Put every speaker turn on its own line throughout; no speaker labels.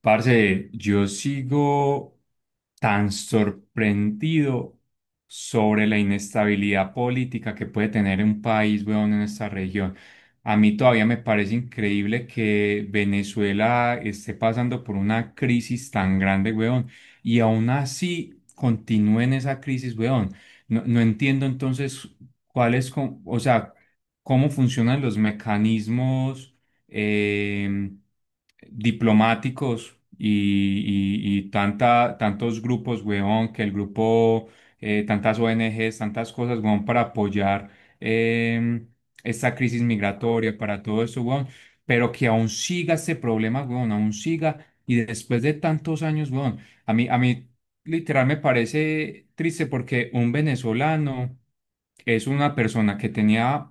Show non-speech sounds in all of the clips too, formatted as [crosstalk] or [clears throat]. Parce, yo sigo tan sorprendido sobre la inestabilidad política que puede tener un país, weón, en esta región. A mí todavía me parece increíble que Venezuela esté pasando por una crisis tan grande, weón, y aún así continúe en esa crisis, weón. No entiendo entonces cuál es, o sea, cómo funcionan los mecanismos eh, diplomáticos y tantos grupos, weón, que el grupo, tantas ONGs, tantas cosas, weón, para apoyar eh, esta crisis migratoria, para todo eso, weón, pero que aún siga este problema, weón, aún siga, y después de tantos años, weón, a mí literal me parece triste porque un venezolano es una persona que tenía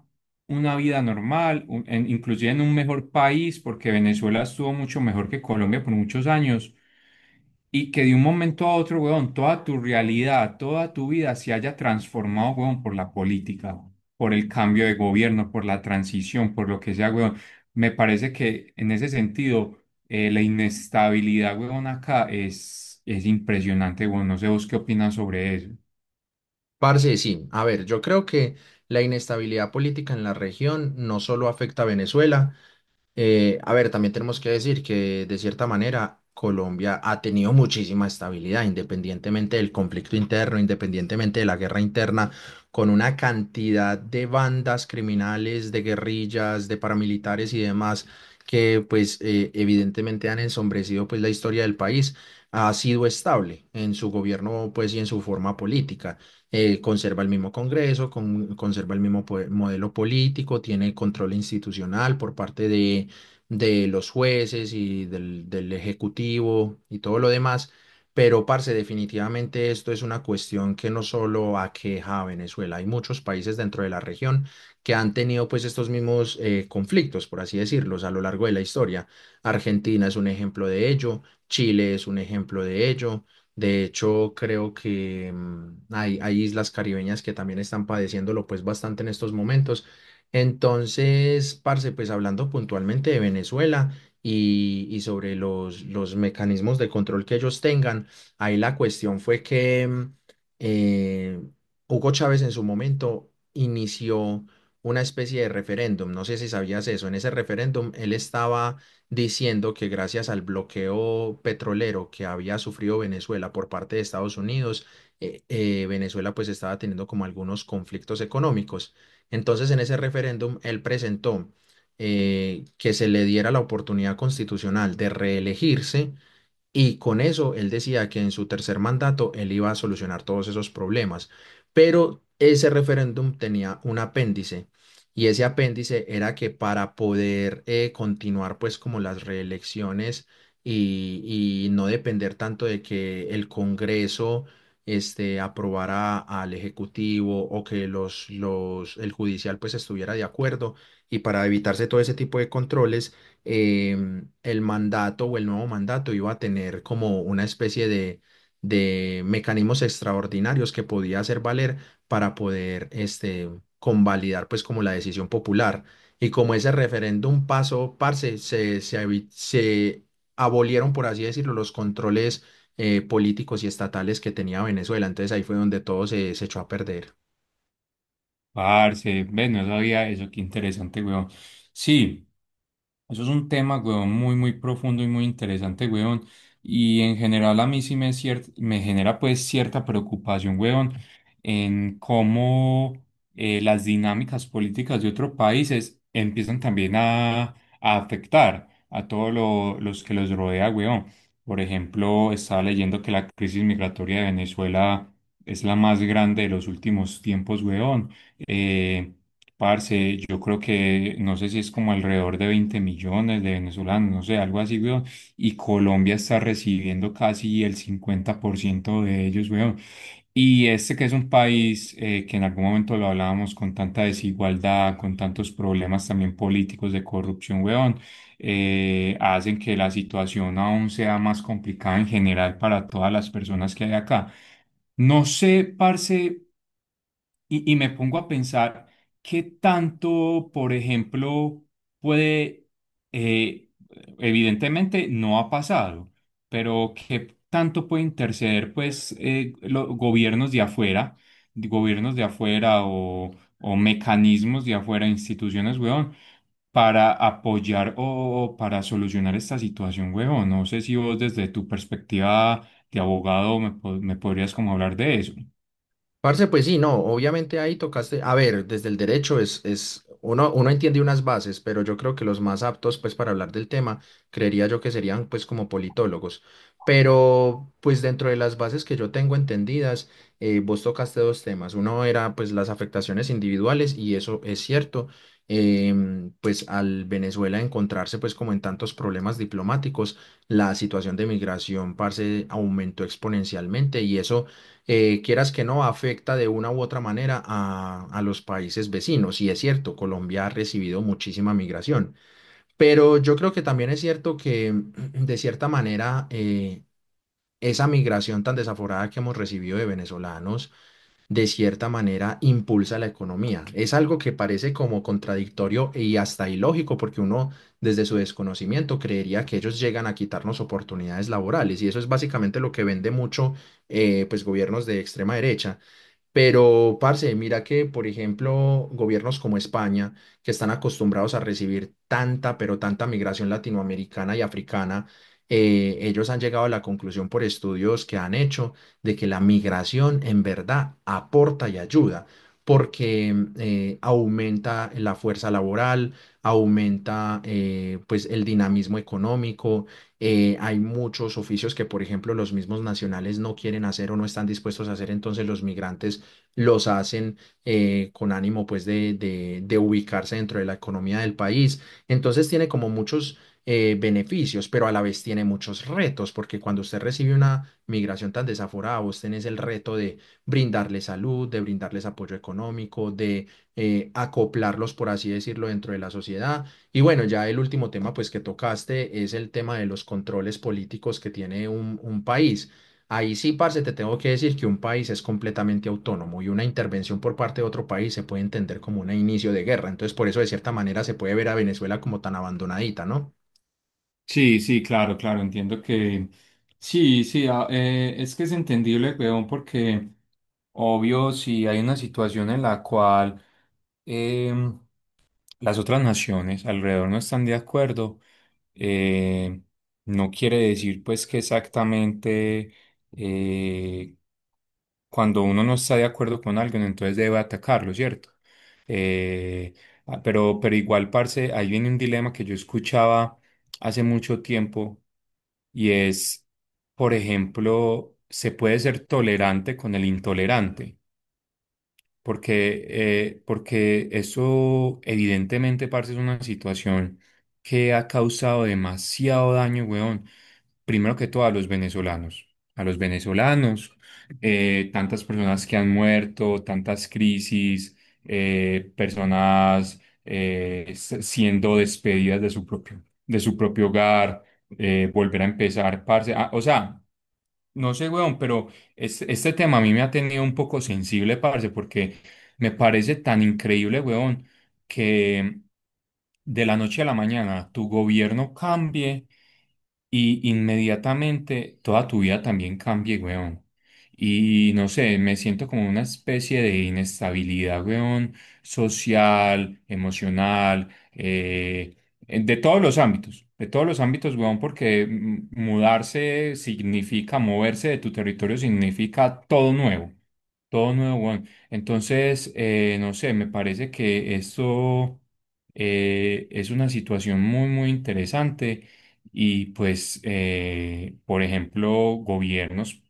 una vida normal, inclusive en un mejor país, porque Venezuela estuvo mucho mejor que Colombia por muchos años, y que de un momento a otro, weón, toda tu realidad, toda tu vida se haya transformado, weón, por la política, por el cambio de gobierno, por la transición, por lo que sea, weón. Me parece que en ese sentido, la inestabilidad, weón, acá es impresionante, weón. No sé vos qué opinas sobre eso.
Parce, sí. A ver, yo creo que la inestabilidad política en la región no solo afecta a Venezuela, a ver, también tenemos que decir que de cierta manera Colombia ha tenido muchísima estabilidad, independientemente del conflicto interno, independientemente de la guerra interna, con una cantidad de bandas criminales, de guerrillas, de paramilitares y demás que pues evidentemente han ensombrecido pues la historia del país. Ha sido estable en su gobierno pues y en su forma política. Conserva el mismo Congreso, conserva el mismo modelo político, tiene control institucional por parte de los jueces y del ejecutivo y todo lo demás. Pero, parce, definitivamente esto es una cuestión que no solo aqueja a Venezuela, hay muchos países dentro de la región que han tenido pues estos mismos conflictos, por así decirlos, a lo largo de la historia. Argentina es un ejemplo de ello, Chile es un ejemplo de ello. De hecho, creo que hay islas caribeñas que también están padeciéndolo pues bastante en estos momentos. Entonces, parce, pues hablando puntualmente de Venezuela y sobre los mecanismos de control que ellos tengan, ahí la cuestión fue que eh, Hugo Chávez en su momento inició una especie de referéndum. No sé si sabías eso. En ese referéndum él estaba diciendo que gracias al bloqueo petrolero que había sufrido Venezuela por parte de Estados Unidos, Venezuela pues estaba teniendo como algunos conflictos económicos. Entonces, en ese referéndum, él presentó que se le diera la oportunidad constitucional de reelegirse y con eso él decía que en su tercer mandato él iba a solucionar todos esos problemas, pero ese referéndum tenía un apéndice y ese apéndice era que para poder continuar pues como las reelecciones y no depender tanto de que el Congreso este, aprobara al Ejecutivo o que el judicial pues estuviera de acuerdo y para evitarse todo ese tipo de controles eh, el mandato o el nuevo mandato iba a tener como una especie de mecanismos extraordinarios que podía hacer valer para poder este, convalidar pues como la decisión popular. Y como ese referéndum pasó, parce, se abolieron, por así decirlo, los controles políticos y estatales que tenía Venezuela. Entonces ahí fue donde todo se echó a perder.
Parce, ve, no sabía eso, qué interesante, weón. Sí. Eso es un tema, weón, muy profundo y muy interesante, weón. Y en general a mí sí me, me genera pues cierta preocupación, weón, en cómo las dinámicas políticas de otros países empiezan también a afectar a todos los que los rodea, weón. Por ejemplo, estaba leyendo que la crisis migratoria de Venezuela es la más grande de los últimos tiempos, weón. Eh, Parce, yo creo que no sé si es como alrededor de 20 millones de venezolanos, no sé, algo así, weón. Y Colombia está recibiendo casi el 50% de ellos, weón. Y este que es un país que en algún momento lo hablábamos con tanta desigualdad, con tantos problemas también políticos de corrupción, weón, hacen que la situación aún sea más complicada en general para todas las personas que hay acá. No sé, parce. Y me pongo a pensar qué tanto, por ejemplo, puede, eh, evidentemente no ha pasado, pero qué tanto puede interceder, pues, los gobiernos de afuera, de gobiernos de afuera o mecanismos de afuera, instituciones, weón, para apoyar o para solucionar esta situación, weón. No sé si vos desde tu perspectiva de abogado me, me podrías como hablar de eso.
Parce, pues sí, no, obviamente ahí tocaste, a ver, desde el derecho uno entiende unas bases, pero yo creo que los más aptos, pues, para hablar del tema, creería yo que serían, pues, como politólogos. Pero, pues, dentro de las bases que yo tengo entendidas, vos tocaste dos temas. Uno era, pues, las afectaciones individuales, y eso es cierto, pues, al Venezuela encontrarse, pues, como en tantos problemas diplomáticos, la situación de migración, parce, aumentó exponencialmente, y eso quieras que no, afecta de una u otra manera a los países vecinos. Y es cierto, Colombia ha recibido muchísima migración, pero yo creo que también es cierto que [clears throat] de cierta manera esa migración tan desaforada que hemos recibido de venezolanos, de cierta manera impulsa la economía. Es algo que parece como contradictorio y hasta ilógico, porque uno desde su desconocimiento creería que ellos llegan a quitarnos oportunidades laborales y eso es básicamente lo que vende mucho pues gobiernos de extrema derecha pero, parce, mira que, por ejemplo, gobiernos como España, que están acostumbrados a recibir tanta, pero tanta migración latinoamericana y africana, ellos han llegado a la conclusión por estudios que han hecho de que la migración en verdad aporta y ayuda, porque aumenta la fuerza laboral, aumenta pues el dinamismo económico, hay muchos oficios que, por ejemplo, los mismos nacionales no quieren hacer o no están dispuestos a hacer, entonces los migrantes los hacen con ánimo pues de ubicarse dentro de la economía del país. Entonces tiene como muchos beneficios, pero a la vez tiene muchos retos, porque cuando usted recibe una migración tan desaforada, vos tenés el reto de brindarles salud, de brindarles apoyo económico, de acoplarlos, por así decirlo, dentro de la sociedad. Y bueno, ya el último tema pues que tocaste es el tema de los controles políticos que tiene un país. Ahí sí, parce, te tengo que decir que un país es completamente autónomo y una intervención por parte de otro país se puede entender como un inicio de guerra. Entonces, por eso, de cierta manera, se puede ver a Venezuela como tan abandonadita, ¿no?
Sí, sí, claro, claro, entiendo que sí, sí, es que es entendible, weón, porque obvio, si hay una situación en la cual em, las otras naciones alrededor no están de acuerdo, eh, no quiere decir pues que exactamente eh, cuando uno no está de acuerdo con alguien, entonces debe atacarlo, ¿cierto? Eh, pero igual, parce, ahí viene un dilema que yo escuchaba hace mucho tiempo y es, por ejemplo, se puede ser tolerante con el intolerante, porque, porque eso evidentemente, parce, es una situación que ha causado demasiado daño, weón, primero que todo a los venezolanos, a los venezolanos, tantas personas que han muerto, tantas crisis, personas siendo despedidas de su propio hogar, volver a empezar, parce. Ah, o sea, no sé, weón, pero este tema a mí me ha tenido un poco sensible, parce, porque me parece tan increíble, weón, que de la noche a la mañana tu gobierno cambie y inmediatamente toda tu vida también cambie, weón. Y no sé, me siento como una especie de inestabilidad, weón, social, emocional, de todos los ámbitos, de todos los ámbitos, weón, porque mudarse significa, moverse de tu territorio significa todo nuevo. Todo nuevo, weón. Entonces, no sé, me parece que esto es una situación muy interesante y pues, por ejemplo, gobiernos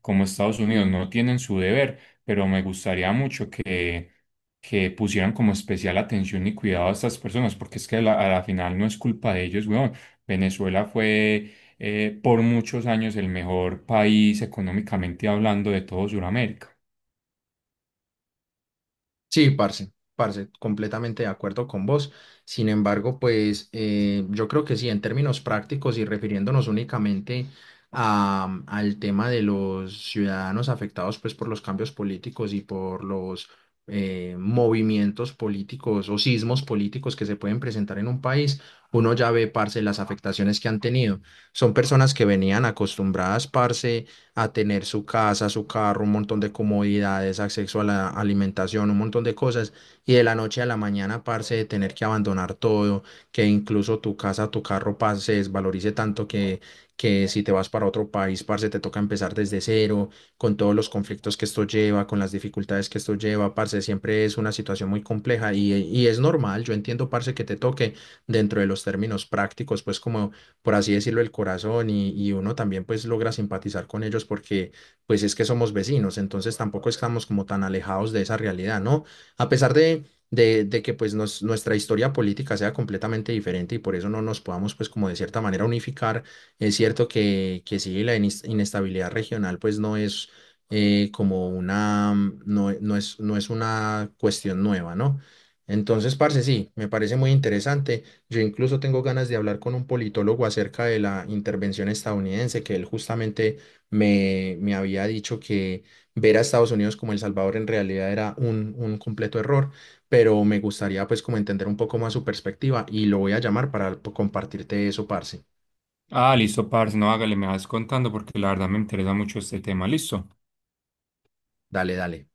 como Estados Unidos no tienen su deber, pero me gustaría mucho que pusieran como especial atención y cuidado a estas personas, porque es que a a la final no es culpa de ellos, weón. Venezuela fue por muchos años el mejor país económicamente hablando de todo Sudamérica.
Sí, parce, parce, completamente de acuerdo con vos. Sin embargo, pues yo creo que sí, en términos prácticos y refiriéndonos únicamente al tema de los ciudadanos afectados pues por los cambios políticos y por los movimientos políticos o sismos políticos que se pueden presentar en un país, uno ya ve, parce, las afectaciones que han tenido. Son personas que venían acostumbradas, parce, a tener su casa, su carro, un montón de comodidades, acceso a la alimentación, un montón de cosas. Y de la noche a la mañana, parce, de tener que abandonar todo, que incluso tu casa, tu carro, parce, se desvalorice tanto que si te vas para otro país, parce, te toca empezar desde cero, con todos los conflictos que esto lleva, con las dificultades que esto lleva, parce, siempre es una situación muy compleja y es normal, yo entiendo, parce, que te toque dentro de los términos prácticos, pues como por así decirlo, el corazón y uno también pues logra simpatizar con ellos porque pues es que somos vecinos, entonces tampoco estamos como tan alejados de esa realidad, ¿no? A pesar de que pues nuestra historia política sea completamente diferente y por eso no nos podamos pues como de cierta manera unificar, es cierto que sí, la inestabilidad regional pues no es como una, no es una cuestión nueva, ¿no? Entonces, parce, sí, me parece muy interesante. Yo incluso tengo ganas de hablar con un politólogo acerca de la intervención estadounidense, que él justamente me había dicho que ver a Estados Unidos como El Salvador en realidad era un completo error, pero me gustaría pues como entender un poco más su perspectiva y lo voy a llamar para compartirte eso, parce.
Ah, listo, parce, no hágale, me vas contando porque la verdad me interesa mucho este tema, listo.
Dale, dale.